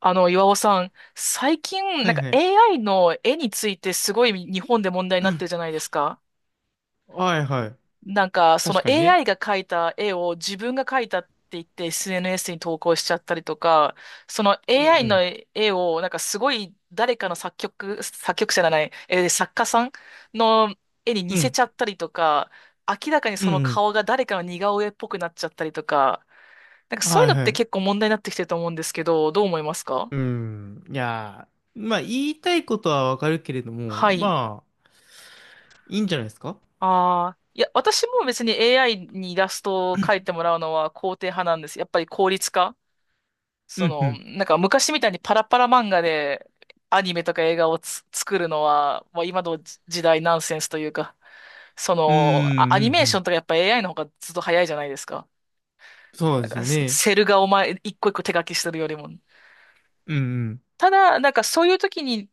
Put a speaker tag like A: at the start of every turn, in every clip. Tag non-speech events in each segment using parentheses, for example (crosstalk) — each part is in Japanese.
A: あの、岩尾さん、最近、
B: は
A: なん
B: い
A: か
B: はい。
A: AI の絵についてすごい日本で問題になってるじ
B: (clears throat)
A: ゃないですか。
B: はいはい。
A: なんか、そ
B: 確
A: の
B: かにね。
A: AI が描いた絵を自分が描いたって言って SNS に投稿しちゃったりとか、その
B: う
A: AI の
B: ん
A: 絵を、なんかすごい誰かの作曲、作曲者じゃない、作家さんの絵に
B: う
A: 似
B: ん。う
A: せち
B: ん
A: ゃったりとか、明らかに
B: う
A: その
B: ん
A: 顔が誰かの似顔絵っぽくなっちゃったりとか、なんか
B: うん。
A: そうい
B: は
A: う
B: い
A: のっ
B: は
A: て
B: い。
A: 結構問題になってきてると思うんですけど、どう思いますか？
B: うん。いやー、まあ言いたいことはわかるけれども、
A: はい。
B: いいんじゃないですか。
A: ああ、いや、私も別に AI にイラストを描いてもらうのは肯定派なんです。やっぱり効率化。
B: う
A: そ
B: んう
A: の、
B: ん。
A: なんか昔みたいにパラパラ漫画でアニメとか映画を作るのは、まあ、今の時代ナンセンスというか、そ
B: うん
A: の、ア
B: う
A: ニ
B: ん
A: メ
B: う
A: ーション
B: ん。
A: とかやっぱ AI の方がずっと早いじゃないですか。
B: そう
A: な
B: で
A: ん
B: す
A: か
B: よ
A: セ
B: ね。
A: セルがお前一個一個手書きしてるよりも。
B: うん
A: ただ、なんかそういう時に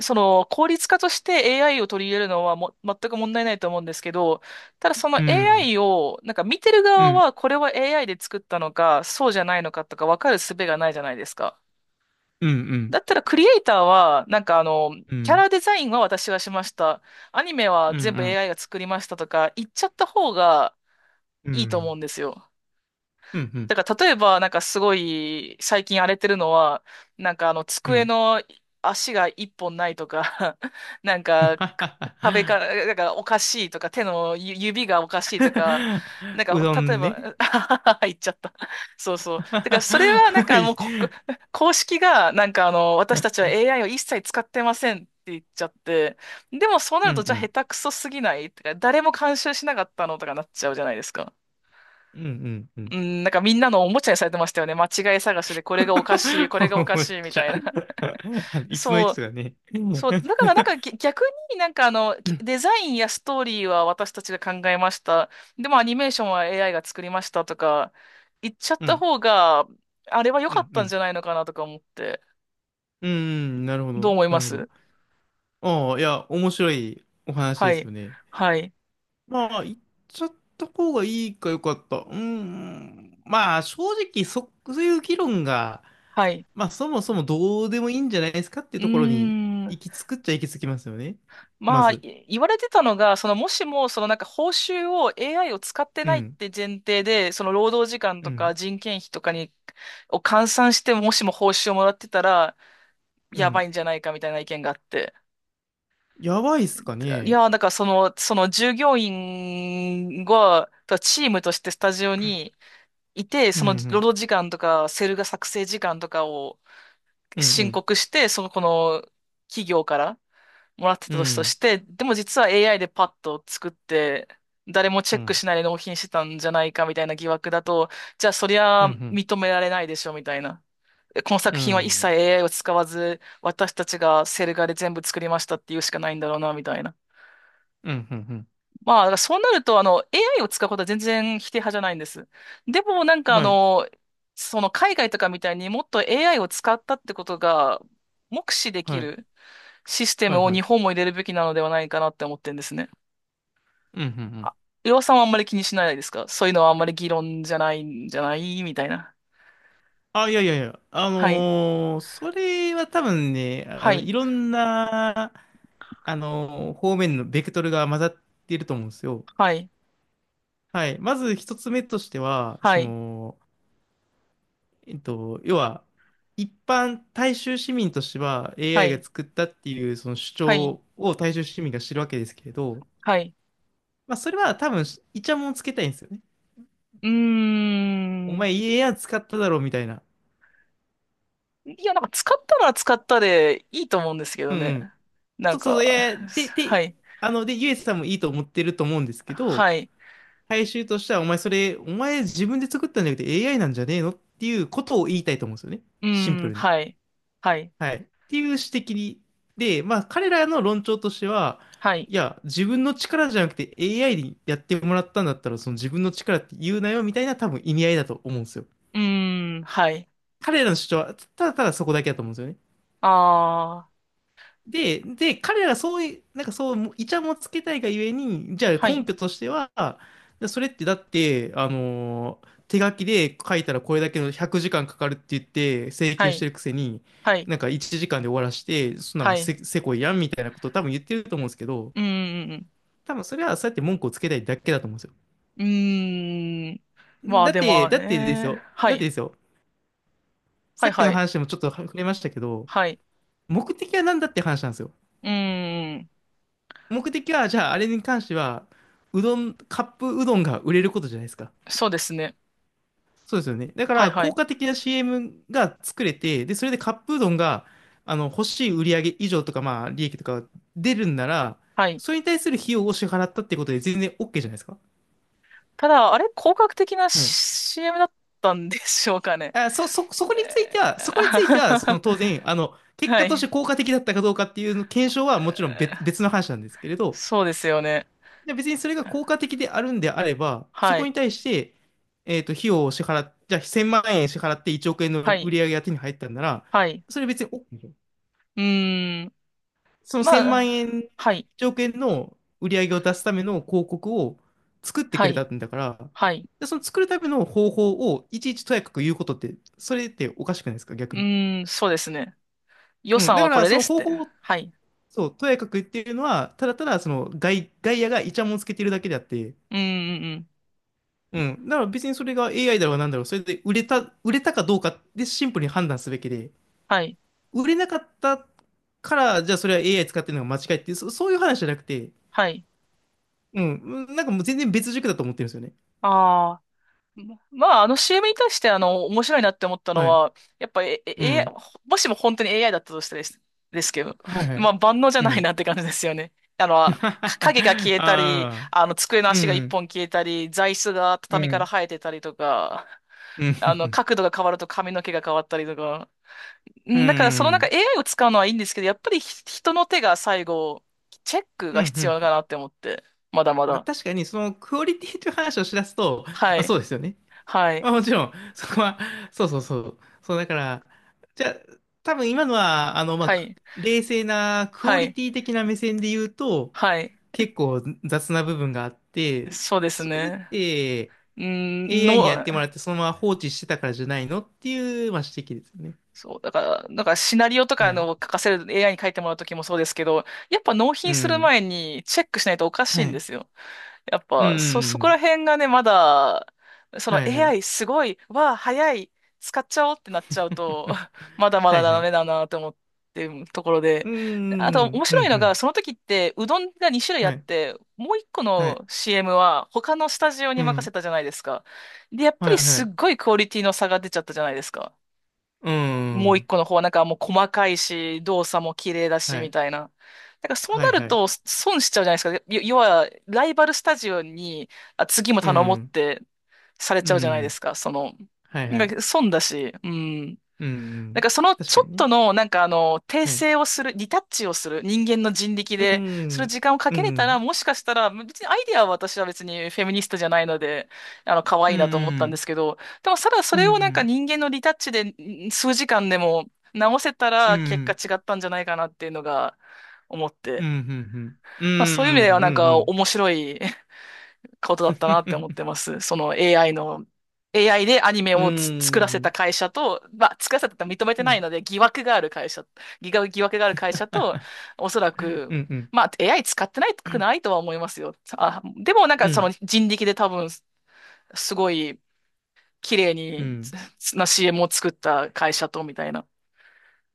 A: その効率化として AI を取り入れるのはも全く問題ないと思うんですけど、ただその
B: うん。
A: AI をなんか見てる
B: うん。う
A: 側
B: ん
A: はこれは AI で作ったのかそうじゃないのかとか分かる術がないじゃないですか。
B: うん
A: だったらクリエイターはなんかあの
B: うん。う
A: キャ
B: ん
A: ラデザインは私がしました。アニメは
B: うん
A: 全部
B: う
A: AI が作りましたとか言っちゃった方が
B: ん。う
A: いいと思う
B: ん
A: んですよ。
B: うん。
A: だから例えばなんかすごい最近荒れてるのはなんかあの
B: う
A: 机
B: ん。
A: の足が一本ないとか (laughs) なんか壁から、だ
B: (laughs)
A: からおかしいとか、手の指がおかしいとか、なん
B: う
A: か、
B: ど
A: 例え
B: ん
A: ば、
B: ね。
A: (laughs) 言っちゃった。そう
B: (laughs)
A: そう。だから、それはなん
B: は
A: か
B: い。
A: もう公式が、なんかあの、私たちは AI を一切使ってませんって言っちゃって、でもそうな
B: うん
A: ると、じ
B: う
A: ゃあ下
B: ん。
A: 手くそすぎないとか、誰も監修しなかったのとかなっちゃうじゃないですか。
B: うんうんうん。
A: うん、なんかみんなのおもちゃにされてましたよね。間違い探しで、これがおかしい、これがお
B: (laughs)
A: か
B: むっ
A: しいみ
B: ちゃ。
A: たいな。
B: (laughs) あの
A: (laughs)
B: 椅子の位
A: そう。
B: 置がね。(laughs) う
A: そう、だからなんか逆になんかあの、
B: ん、
A: デザインやストーリーは私たちが考えました。でもアニメーションは AI が作りましたとか言っちゃっ
B: う
A: た
B: ん、
A: 方が、あれは良
B: う
A: かっ
B: ん、う
A: たん
B: ん。
A: じゃないのかなとか思って。
B: うん、なるほ
A: どう
B: ど、
A: 思い
B: な
A: ま
B: るほど。
A: す？
B: 面白いお話
A: は
B: です
A: い。
B: よね。
A: はい。
B: 言っちゃった方がいいか、よかった。正直、そういう議論が、
A: はい。
B: そもそもどうでもいいんじゃないですかっていう
A: うー
B: ところに、
A: ん。
B: 行き着くっちゃ行き着きますよね。ま
A: まあ、
B: ず。
A: 言われてたのが、そのもしも、そのなんか報酬を AI を使って
B: う
A: ないっ
B: ん、
A: て前提で、その労働時間
B: う
A: とか
B: ん、
A: 人件費とかに、を換算して、もしも報酬をもらってたら、
B: う
A: や
B: ん。
A: ばいんじゃないかみたいな意見があって。
B: やばいっすか
A: い
B: ね。
A: やー、だからその従業員が、とチームとしてスタジオにいて、
B: うん、
A: そ
B: う
A: の労
B: ん、
A: 働時間とか、セルが作成時間とかを
B: うん、う
A: 申
B: ん、
A: 告して、その、この企業からもらって
B: う
A: たとしと
B: ん。
A: して、でも実は AI でパッと作って、誰もチ
B: う
A: ェック
B: ん
A: しないで納品してたんじゃないかみたいな疑惑だと、じゃあそり
B: う
A: ゃ
B: ん、
A: 認められないでしょみたいな。この
B: う
A: 作品は一切
B: ん、
A: AI を使わず、私たちがセル画で全部作りましたっていうしかないんだろうな、みたいな。
B: うん、うん、うん、
A: まあ、だからそうなると、あの、AI を使うことは全然否定派じゃないんです。でも、なん
B: う
A: か
B: ん
A: あ
B: はい、
A: の、その海外とかみたいにもっと AI を使ったってことが目視で
B: は
A: き
B: い、
A: るシステ
B: は
A: ム
B: い、
A: を
B: はい、
A: 日本も入れるべきなのではないかなって思ってるんですね。
B: うん、うん、うん。
A: あ、りょうさんはあんまり気にしないですか？そういうのはあんまり議論じゃないんじゃないみたいな。
B: あ、いや、
A: はい。
B: それはね、
A: はい。
B: いろんな、方面のベクトルが混ざっていると思うんですよ。
A: はい。
B: はい。まず一つ目としては、
A: はい。
B: 要は、一般大衆市民としては
A: は
B: AI が
A: い。
B: 作ったっていうその主
A: はい。
B: 張を大衆市民が知るわけですけれど、
A: はい。
B: まあそれは多分イチャモンつけたいんですよね。
A: うー
B: お
A: ん。
B: 前 AI 使っただろみたいな。
A: いや、なんか使ったのは使ったでいいと思うんですけ
B: う
A: ど
B: んう
A: ね。
B: ん。
A: な
B: そ
A: ん
B: うそうそう、いやい
A: か、
B: や、で、
A: は
B: で、
A: い。
B: ゆえさんもいいと思ってると思うんですけど、
A: はい。
B: 回収としては、お前自分で作ったんじゃなくて AI なんじゃねえのっていうことを言いたいと思うんですよね。
A: う
B: シンプ
A: ーん、
B: ルに。
A: はい。はい。
B: はい。っていう指摘に。で、まあ、彼らの論調としては、
A: はい。
B: いや、自分の力じゃなくて AI にやってもらったんだったら、その自分の力って言うなよみたいな、多分意味合いだと思うんですよ。
A: うーん、はい。
B: 彼らの主張は、ただただそこだけだと思うんですよね。
A: ああ、
B: で、彼らがそういう、イチャもんつけたいがゆえに、じゃあ
A: は
B: 根
A: い。
B: 拠としては、でそれってだって、手書きで書いたらこれだけの100時間かんかかるって言って請
A: は
B: 求して
A: い。
B: るくせに、
A: はい。
B: なんか1時間で終わらして、そんな
A: は
B: の
A: い。
B: せ、せこいやんみたいなことを多分言ってると思うんですけど、
A: うーん。
B: 多分それはそうやって文句をつけたいだけだと思うんですよ。
A: うーん。まあ、
B: だっ
A: で
B: て、
A: も
B: だってです
A: ね。
B: よ。
A: は
B: だって
A: い。
B: ですよ。
A: は
B: さ
A: い、
B: っき
A: は
B: の
A: い。
B: 話でもちょっと触れましたけど、
A: はい。
B: 目的は何だって話なんですよ。
A: うーん。
B: 目的は、じゃあ、あれに関しては、うどん、カップうどんが売れることじゃないですか。
A: そうですね。
B: そうですよね。だか
A: はい、
B: ら、
A: は
B: 効
A: い。
B: 果的な CM が作れて、で、それでカップうどんが、欲しい売上以上とか、利益とか出るんなら、
A: はい。
B: それに対する費用を支払ったってことで全然 OK じゃないですか。
A: ただ、あれ、広角的な
B: はい。
A: CM だったんでしょうかね。
B: そこについて
A: え
B: は、その
A: ー
B: 当
A: (laughs)
B: 然、結
A: は
B: 果として
A: い。
B: 効果的だったかどうかっていうの検
A: え
B: 証はもちろん
A: ー
B: 別の話なんですけれど、
A: そうですよね。
B: で、別にそれが効果的であるんであれば、そ
A: は
B: こに
A: い。
B: 対して、費用を支払っ、じゃあ1,000万円支払って1億円の
A: は
B: 売
A: い。
B: り上げが手に入ったんなら、
A: はい。
B: それ別にお、
A: うーん。
B: その1000
A: ま
B: 万
A: あ、
B: 円、
A: はい。
B: 1億円の売り上げを出すための広告を作ってく
A: は
B: れた
A: い。
B: んだから、
A: はい。
B: で、その作るための方法をいちいちとやかく言うことって、それっておかしくないですか、
A: う
B: 逆に。
A: ーん、そうですね。予
B: うん、
A: 算
B: だか
A: はこ
B: ら
A: れ
B: そ
A: で
B: の
A: すっ
B: 方
A: て。
B: 法を、
A: はい。
B: そう、とやかく言っているのは、ただただその外野がイチャモンつけてるだけであって、
A: うん、うん、うん。
B: うん。だから別にそれが AI だろうなんだろう、それで売れたかどうかでシンプルに判断すべきで、
A: はい。
B: 売れなかったから、じゃあそれは AI 使ってるのが間違いっていう、そういう話じゃなくて、
A: はい。
B: うん。うんなんかもう全然別軸だと思ってるんですよね。
A: ああ。まあ、あの CM に対して、あの、面白いなって思ったの
B: はい。
A: は、やっぱ、
B: う
A: AI、
B: ん。
A: もしも本当に AI だったとしてですけど、
B: はいは
A: ま
B: い。
A: あ、万能じゃ
B: う
A: ないなっ
B: ん。
A: て感じですよね。あの、影が消
B: (laughs)
A: えたり、
B: ああ。
A: あの、机の
B: う
A: 足が一
B: ん。
A: 本消えたり、座椅子が
B: う
A: 畳から
B: ん。
A: 生えてたりとか、
B: うん。
A: あの、角度が変わると髪の毛が変わったりとか。
B: う
A: だから、そのなんか
B: ん。
A: AI を使うのはいいんですけど、やっぱり人の手が最後、チェック
B: う
A: が
B: ん。う
A: 必要か
B: ん。
A: なって思って、まだま
B: まあ
A: だ。
B: 確かにそのクオリティという話をしだすと、ま
A: は
B: あ
A: い、
B: そうですよね。
A: はい、
B: あ、もちろん、そこは、そう、だから、じゃあ、多分今のは、
A: はい、
B: 冷静なクオ
A: は
B: リ
A: い、
B: ティ的な目線で言うと、
A: はい。
B: 結構雑な部分があって、
A: そうです
B: それっ
A: ね。
B: て
A: うん、
B: AI にやってもらってそのまま放置してたからじゃないのっていう、まあ、指摘ですよね。
A: そう、だから、なんかシナリオと
B: は
A: かの
B: い。
A: 書かせる AI に書いてもらうときもそうですけど、やっぱ納
B: う
A: 品する
B: ん。
A: 前にチェックしないとおかしい
B: は
A: んで
B: い。
A: すよ。やっ
B: う
A: ぱ、そ、そこ
B: ん。
A: ら辺がね、まだ、その
B: はいはい。
A: AI すごい、わあ、早い、使っちゃおうってなっちゃうと、
B: (laughs)
A: (laughs) まだま
B: は
A: だ
B: いは
A: ダ
B: い。
A: メだなと思ってるところ
B: う
A: で。あと、面
B: ん。う
A: 白い
B: んう
A: のが、
B: ん。
A: その時って、うどんが2種類あ
B: は
A: っ
B: い。
A: て、もう1個
B: は
A: の
B: い。
A: CM は他のスタジオに
B: う
A: 任せ
B: ん。
A: たじゃないですか。で、やっぱ
B: は
A: り
B: いは
A: すっ
B: い。
A: ごいクオリティの差が出ちゃったじゃないですか。
B: う
A: もう一
B: ん。
A: 個の方はなんかもう細かいし、動作も綺麗だし、
B: は
A: み
B: い。
A: たいな。だからそう
B: は
A: な
B: い
A: る
B: はい。
A: と損しちゃうじゃないですか。要は、ライバルスタジオに、あ、次も
B: う
A: 頼もうっ
B: ん。
A: てされ
B: う
A: ちゃうじゃないで
B: ん。
A: すか。その、
B: はいは
A: なん
B: い。
A: か損だし、うん。
B: う
A: なん
B: ん。
A: かその
B: 確
A: ち
B: か
A: ょ
B: に
A: っ
B: ね。
A: との、なんかあの、訂
B: はい。
A: 正をする、リタッチをする人間の人力
B: う
A: で、その
B: ん。
A: 時間をか
B: う
A: けれたら、
B: ん。
A: もしかしたら、別にアイディアは私は別にフェミニストじゃないので、あの、可
B: う
A: 愛
B: ん。
A: いなと思っ
B: う
A: たんで
B: ん。
A: すけど、でもただそ
B: う
A: れをなんか
B: ん。
A: 人間のリタッチで数時間でも直せた
B: う
A: ら結果
B: ん。
A: 違ったんじゃないかなっていうのが思っ
B: う
A: て、
B: ん。うん。うん。
A: まあそういう意味では
B: う
A: なん
B: ん。う
A: か
B: ん。
A: 面白いことだったなって思ってます。その AI の、AI でアニメ
B: う
A: を作らせた
B: ん。
A: 会社と、まあ、作らせたって認めて
B: う
A: ない
B: ん。
A: ので、疑惑がある会社、疑惑がある会社と、おそらく、
B: うん。うん。
A: まあ、AI 使ってないくないとは思いますよ。あ、でもなんか
B: う
A: その
B: ん。
A: 人力で多分、すごい綺麗
B: う
A: に
B: ん。
A: CM を作った会社と、みたいな。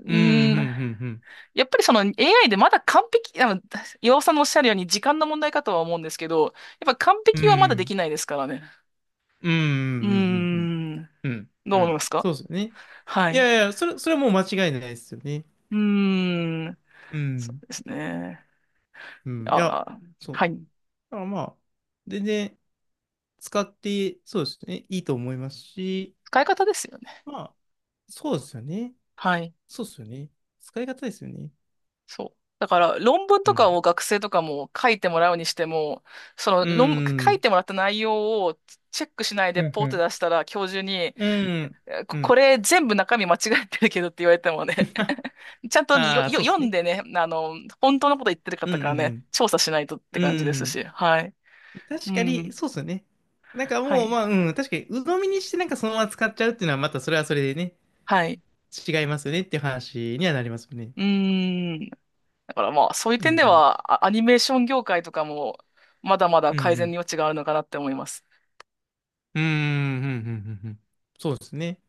A: う
B: う
A: ーん、
B: ん。
A: やっぱりその AI でまだ完璧、あの、岩尾さんのおっしゃるように時間の問題かとは思うんですけど、やっぱ完璧はまだできないですからね。うーん。
B: うん。
A: ど
B: う
A: う思いま
B: ん。
A: すか？
B: そうですよね。
A: は
B: い
A: い。
B: やいや、それ、それはもう間違いないですよね。
A: うーん。
B: う
A: そ
B: ん。
A: うですね。
B: うん。
A: あ
B: いや、
A: あ、
B: そう。
A: はい。
B: だからまあ、全然、使って、そうですね、いいと思いますし、
A: 使い方ですよね。
B: まあ、そうですよね。
A: はい。
B: そうですよね。使い方ですよね。
A: そう。だから、論文
B: う
A: とか
B: ん。
A: を学生とかも書いてもらうにしても、その
B: う
A: 論、書い
B: ん。
A: てもらった内容をチェックしないで
B: うん、
A: ポー
B: う
A: って
B: ん。
A: 出したら、教授に、
B: うん。
A: え
B: う
A: ここ
B: ん。
A: れ全部中身間違ってるけどって言われてもね、
B: (laughs)
A: (laughs) ちゃんとよ、
B: ああ、
A: よ、
B: そうで
A: 読
B: す
A: ん
B: ね。
A: でね、あの、本当のこと言ってる
B: う
A: 方からね、
B: ん、
A: 調査しないとっ
B: うん、う
A: て
B: ん。
A: 感じです
B: うん。
A: し、はい。う
B: 確かに、
A: ん。
B: そうですよね。なんか
A: は
B: もう、
A: い。
B: まあ、うん、確かに、鵜呑みにしてなんかそのまま使っちゃうっていうのは、またそれはそれでね、
A: はい。
B: 違いますよねっていう話にはなりますよね。
A: うーん。だからまあ、そういう
B: う
A: 点で
B: ん、
A: は、アニメーション業界とかも、まだまだ
B: うん、うん、
A: 改
B: う
A: 善の
B: ん。
A: 余地があるのかなって思います。
B: うん、うん、うん、うんうんうん。そうですね。